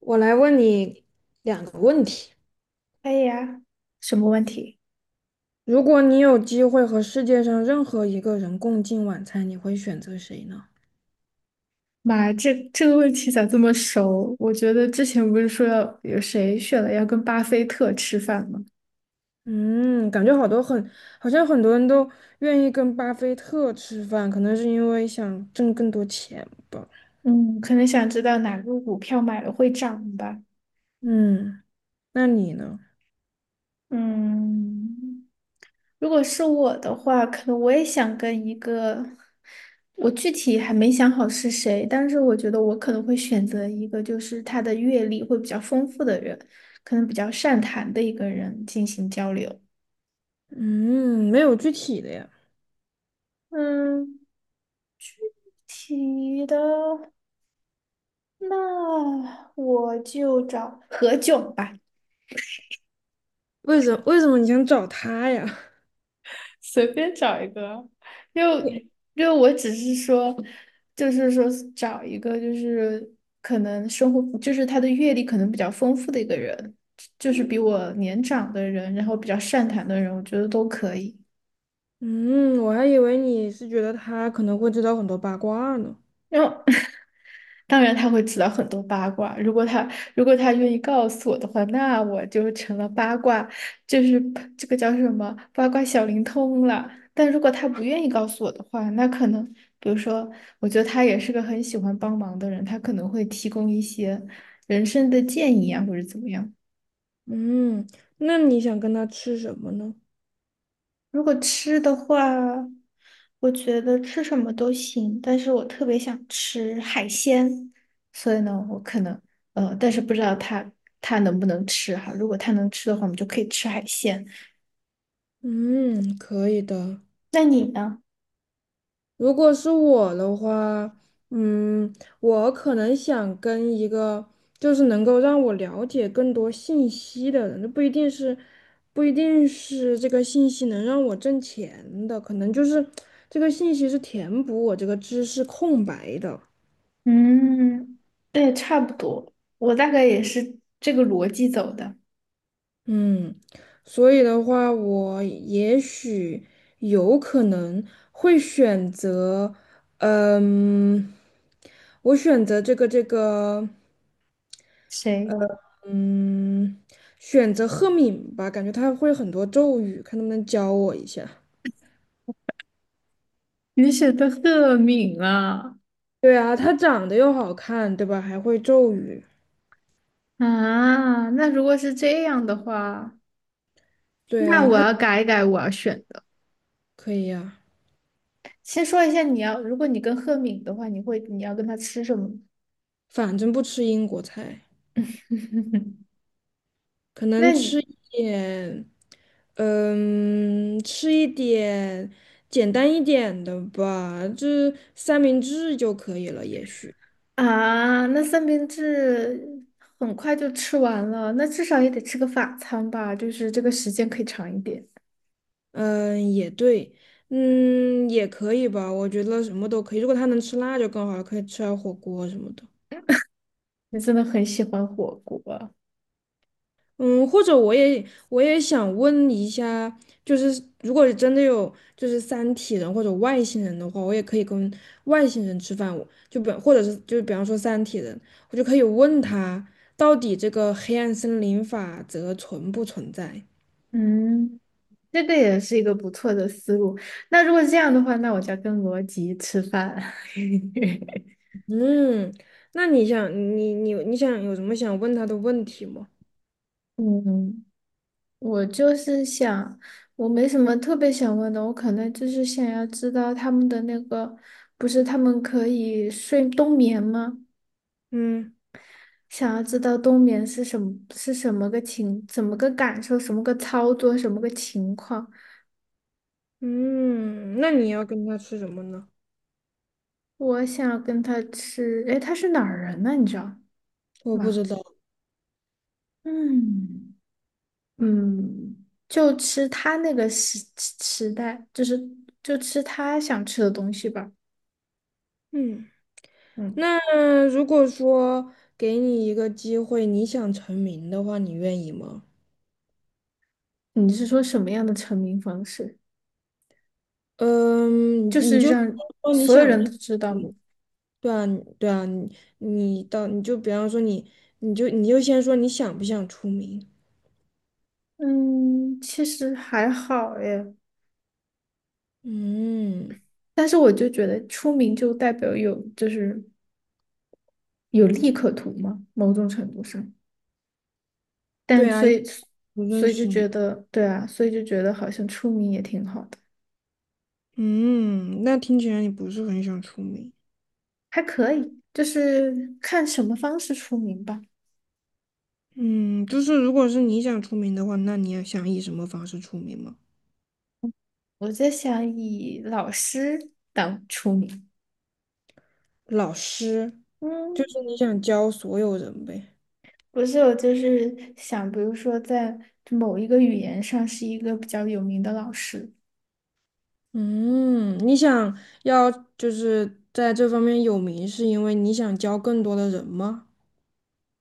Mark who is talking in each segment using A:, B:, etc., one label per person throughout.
A: 我来问你两个问题：
B: 可以呀，什么问题？
A: 如果你有机会和世界上任何一个人共进晚餐，你会选择谁呢？
B: 妈，这个问题咋这么熟？我觉得之前不是说要有谁选了要跟巴菲特吃饭吗？
A: 嗯，感觉好多很，好像很多人都愿意跟巴菲特吃饭，可能是因为想挣更多钱吧。
B: 嗯，可能想知道哪个股票买了会涨吧。
A: 嗯，那你呢？
B: 嗯，如果是我的话，可能我也想跟一个，我具体还没想好是谁，但是我觉得我可能会选择一个，就是他的阅历会比较丰富的人，可能比较善谈的一个人进行交流。
A: 嗯，没有具体的呀。
B: 嗯。体育的，那我就找何炅吧，
A: 为什么你想找他呀？
B: 随便找一个，因
A: 你
B: 为因为我只是说，就是说找一个就是可能生活就是他的阅历可能比较丰富的一个人，就是比我年长的人，然后比较善谈的人，我觉得都可以。
A: 嗯，我还以为你是觉得他可能会知道很多八卦呢。
B: 然后当然他会知道很多八卦。如果他如果他愿意告诉我的话，那我就成了八卦，就是这个叫什么八卦小灵通了。但如果他不愿意告诉我的话，那可能比如说，我觉得他也是个很喜欢帮忙的人，他可能会提供一些人生的建议啊，或者怎么样。
A: 嗯，那你想跟他吃什么呢？
B: 如果吃的话，我觉得吃什么都行，但是我特别想吃海鲜，所以呢，我可能但是不知道他能不能吃哈。如果他能吃的话，我们就可以吃海鲜。
A: 嗯，可以的。
B: 那你呢？
A: 如果是我的话，嗯，我可能想跟一个就是能够让我了解更多信息的人，这不一定是这个信息能让我挣钱的，可能就是这个信息是填补我这个知识空白的。
B: 嗯，对，差不多，我大概也是这个逻辑走的。
A: 嗯，所以的话，我也许有可能会选择，嗯，我选择这个。
B: 谁？
A: 嗯，选择赫敏吧，感觉他会很多咒语，看能不能教我一下。
B: 你选的赫敏啊，
A: 对啊，他长得又好看，对吧？还会咒语。
B: 啊，那如果是这样的话，
A: 对
B: 那
A: 啊，
B: 我
A: 他
B: 要改一改我要选的。
A: 可以呀、
B: 先说一下你要，如果你跟赫敏的话，你要跟他吃什么？
A: 反正不吃英国菜，可
B: 那
A: 能吃，
B: 你
A: 嗯，吃一点简单一点的吧，就三明治就可以了，也许。
B: 啊，那三明治很快就吃完了，那至少也得吃个法餐吧，就是这个时间可以长一点。
A: 嗯，也对，也可以吧，我觉得什么都可以。如果他能吃辣就更好了，可以吃点火锅什么的。
B: 你真的很喜欢火锅啊。
A: 嗯，或者我也想问一下，就是如果真的有就是三体人或者外星人的话，我也可以跟外星人吃饭，我就比或者是就是比方说三体人，我就可以问他到底这个黑暗森林法则存不存在？
B: 嗯，这个也是一个不错的思路。那如果这样的话，那我就要跟罗辑吃饭。
A: 嗯，那你想你想有什么想问他的问题吗？
B: 嗯，我就是想，我没什么特别想问的，我可能就是想要知道他们的那个，不是他们可以睡冬眠吗？
A: 嗯。
B: 想要知道冬眠是什么，是什么个情，怎么个感受，什么个操作，什么个情况。
A: 嗯，那你要跟他吃什么呢？
B: 我想要跟他吃，诶，他是哪儿人呢？你知道
A: 我不
B: 吗？
A: 知道。
B: 嗯。嗯，就吃他那个时代，就是就吃他想吃的东西吧。
A: 嗯。
B: 嗯，
A: 那如果说给你一个机会，你想成名的话，你愿意吗？
B: 你是说什么样的成名方式？就
A: 嗯，你
B: 是
A: 就
B: 让
A: 说你
B: 所有
A: 想不
B: 人
A: 想。
B: 都知道
A: 嗯，
B: 吗？
A: 对啊，你你到你就比方说你，你就先说你想不想出名？
B: 嗯，其实还好耶，
A: 嗯，
B: 但是我就觉得出名就代表有就是有利可图嘛，某种程度上。但
A: 对啊，
B: 所以
A: 不认
B: 所以就
A: 识你。
B: 觉得对啊，所以就觉得好像出名也挺好的，
A: 嗯，那听起来你不是很想出名。
B: 还可以，就是看什么方式出名吧。
A: 嗯，就是如果是你想出名的话，那你要想以什么方式出名吗？
B: 我在想以老师当出名。
A: 老师，就是你
B: 嗯，
A: 想教所有人呗。
B: 不是，我就是想，比如说在某一个语言上是一个比较有名的老师。
A: 嗯，你想要就是在这方面有名，是因为你想教更多的人吗？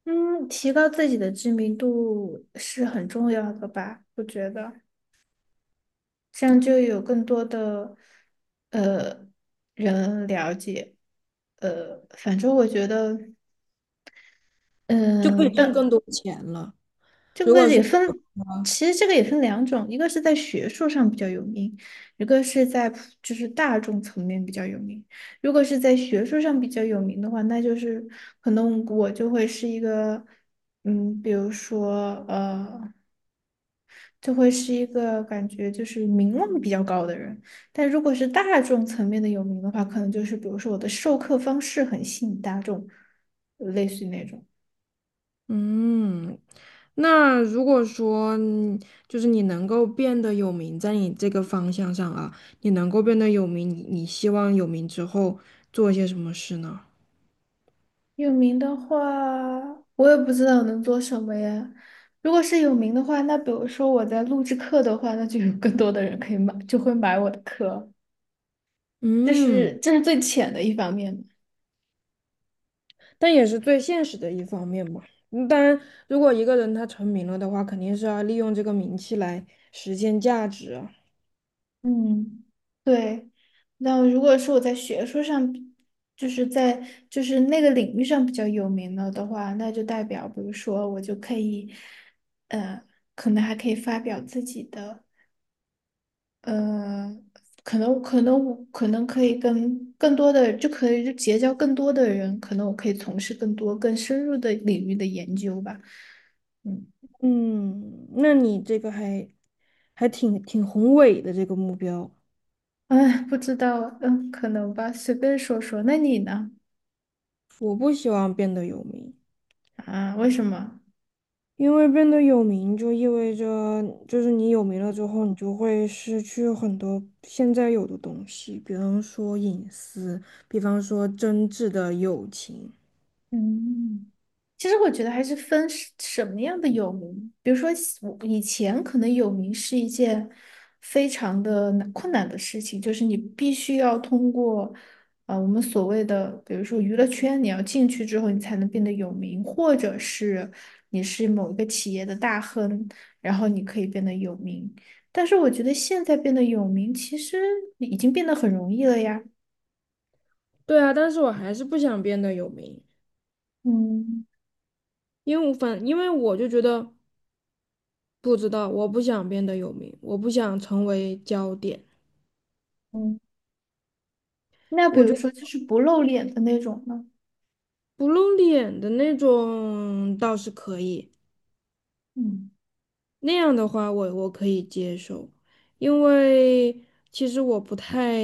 B: 嗯，提高自己的知名度是很重要的吧？我觉得这样就有更多的呃人了解。反正我觉得，
A: 就可以
B: 嗯、
A: 挣
B: 但
A: 更多钱了。
B: 这
A: 如
B: 个
A: 果是，
B: 也分，其实这个也分两种，一个是在学术上比较有名，一个是在普就是大众层面比较有名。如果是在学术上比较有名的话，那就是可能我就会是一个，嗯，比如说呃。就会是一个感觉就是名望比较高的人。但如果是大众层面的有名的话，可能就是比如说我的授课方式很吸引大众，类似于那种。
A: 嗯，那如果说你就是你能够变得有名，在你这个方向上啊，你能够变得有名，你你希望有名之后做一些什么事呢？
B: 有名的话，我也不知道能做什么呀。如果是有名的话，那比如说我在录制课的话，那就有更多的人可以买，就会买我的课。这
A: 嗯，
B: 是这是最浅的一方面。
A: 但也是最现实的一方面嘛。嗯当然，如果一个人他成名了的话，肯定是要利用这个名气来实现价值啊。
B: 嗯，对。那如果是我在学术上比就是在就是那个领域上比较有名了的话，那就代表，比如说我就可以，呃，可能还可以发表自己的，呃，可能我可以跟更多的，就可以就结交更多的人，可能我可以从事更多更深入的领域的研究吧。嗯，
A: 嗯，那你这个还挺宏伟的这个目标。
B: 哎，不知道，嗯，可能吧，随便说说。那你呢？
A: 我不希望变得有名，
B: 啊，为什么？
A: 因为变得有名就意味着，就是你有名了之后，你就会失去很多现在有的东西，比方说隐私，比方说真挚的友情。
B: 嗯，其实我觉得还是分是什么样的有名，比如说喜我以前可能有名是一件非常的难困难的事情，就是你必须要通过我们所谓的，比如说娱乐圈，你要进去之后你才能变得有名，或者是你是某一个企业的大亨，然后你可以变得有名。但是我觉得现在变得有名，其实已经变得很容易了呀。
A: 对啊，但是我还是不想变得有名，
B: 嗯。
A: 因为我反，因为我就觉得不知道，我不想变得有名，我不想成为焦点。
B: 嗯，那比如说
A: 我
B: 就是不露脸的那种呢？
A: 不露脸的那种倒是可以，
B: 嗯。
A: 那样的话我可以接受，因为其实我不太，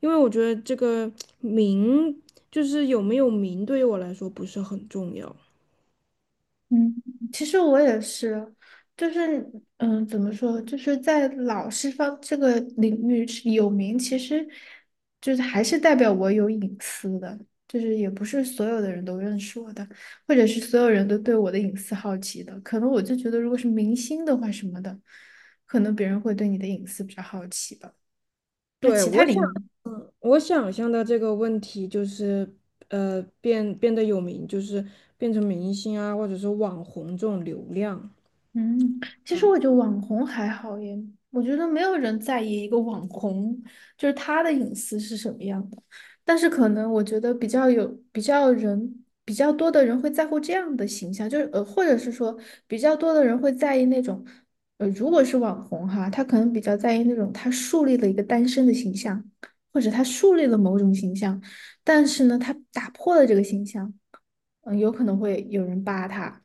A: 因为我觉得这个名就是有没有名对于我来说不是很重要。
B: 嗯，其实我也是，就是嗯，怎么说，就是在老师方这个领域是有名，其实就是还是代表我有隐私的，就是也不是所有的人都认识我的，或者是所有人都对我的隐私好奇的。可能我就觉得，如果是明星的话什么的，可能别人会对你的隐私比较好奇吧。那
A: 对，
B: 其他
A: 我想
B: 领域。
A: 我想象的这个问题就是，变得有名，就是变成明星啊，或者是网红这种流量。
B: 嗯，其实我觉得网红还好耶，我觉得没有人在意一个网红，就是他的隐私是什么样的。但是可能我觉得比较有比较人比较多的人会在乎这样的形象，就是或者是说比较多的人会在意那种，如果是网红哈，他可能比较在意那种他树立了一个单身的形象，或者他树立了某种形象，但是呢，他打破了这个形象，嗯、有可能会有人扒他。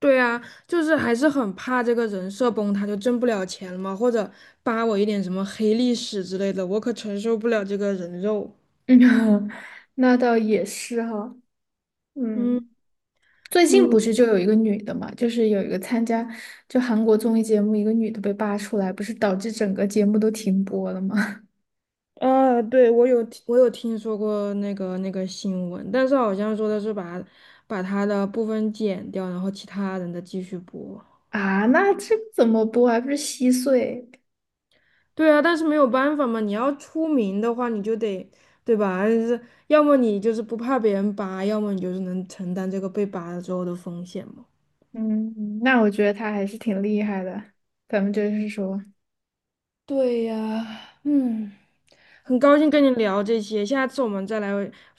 A: 对啊，就是还是很怕这个人设崩塌，就挣不了钱了嘛，或者扒我一点什么黑历史之类的，我可承受不了这个人肉。
B: 嗯，那倒也是哈，
A: 嗯。
B: 嗯，最近不
A: 嗯。
B: 是就有一个女的嘛，就是有一个参加就韩国综艺节目，一个女的被扒出来，不是导致整个节目都停播了吗？
A: 啊，对，我有听说过那个新闻，但是好像说的是把他的部分剪掉，然后其他人的继续播。
B: 啊，那这个怎么播啊还不是稀碎？
A: 对啊，但是没有办法嘛，你要出名的话，你就得对吧？是，要么你就是不怕别人扒，要么你就是能承担这个被扒了之后的风险嘛。
B: 嗯，那我觉得她还是挺厉害的，咱们就是说，
A: 对呀，嗯，很高兴跟你聊这些，下次我们再来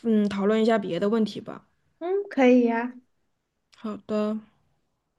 A: 讨论一下别的问题吧。
B: 嗯，可以呀、
A: 好的。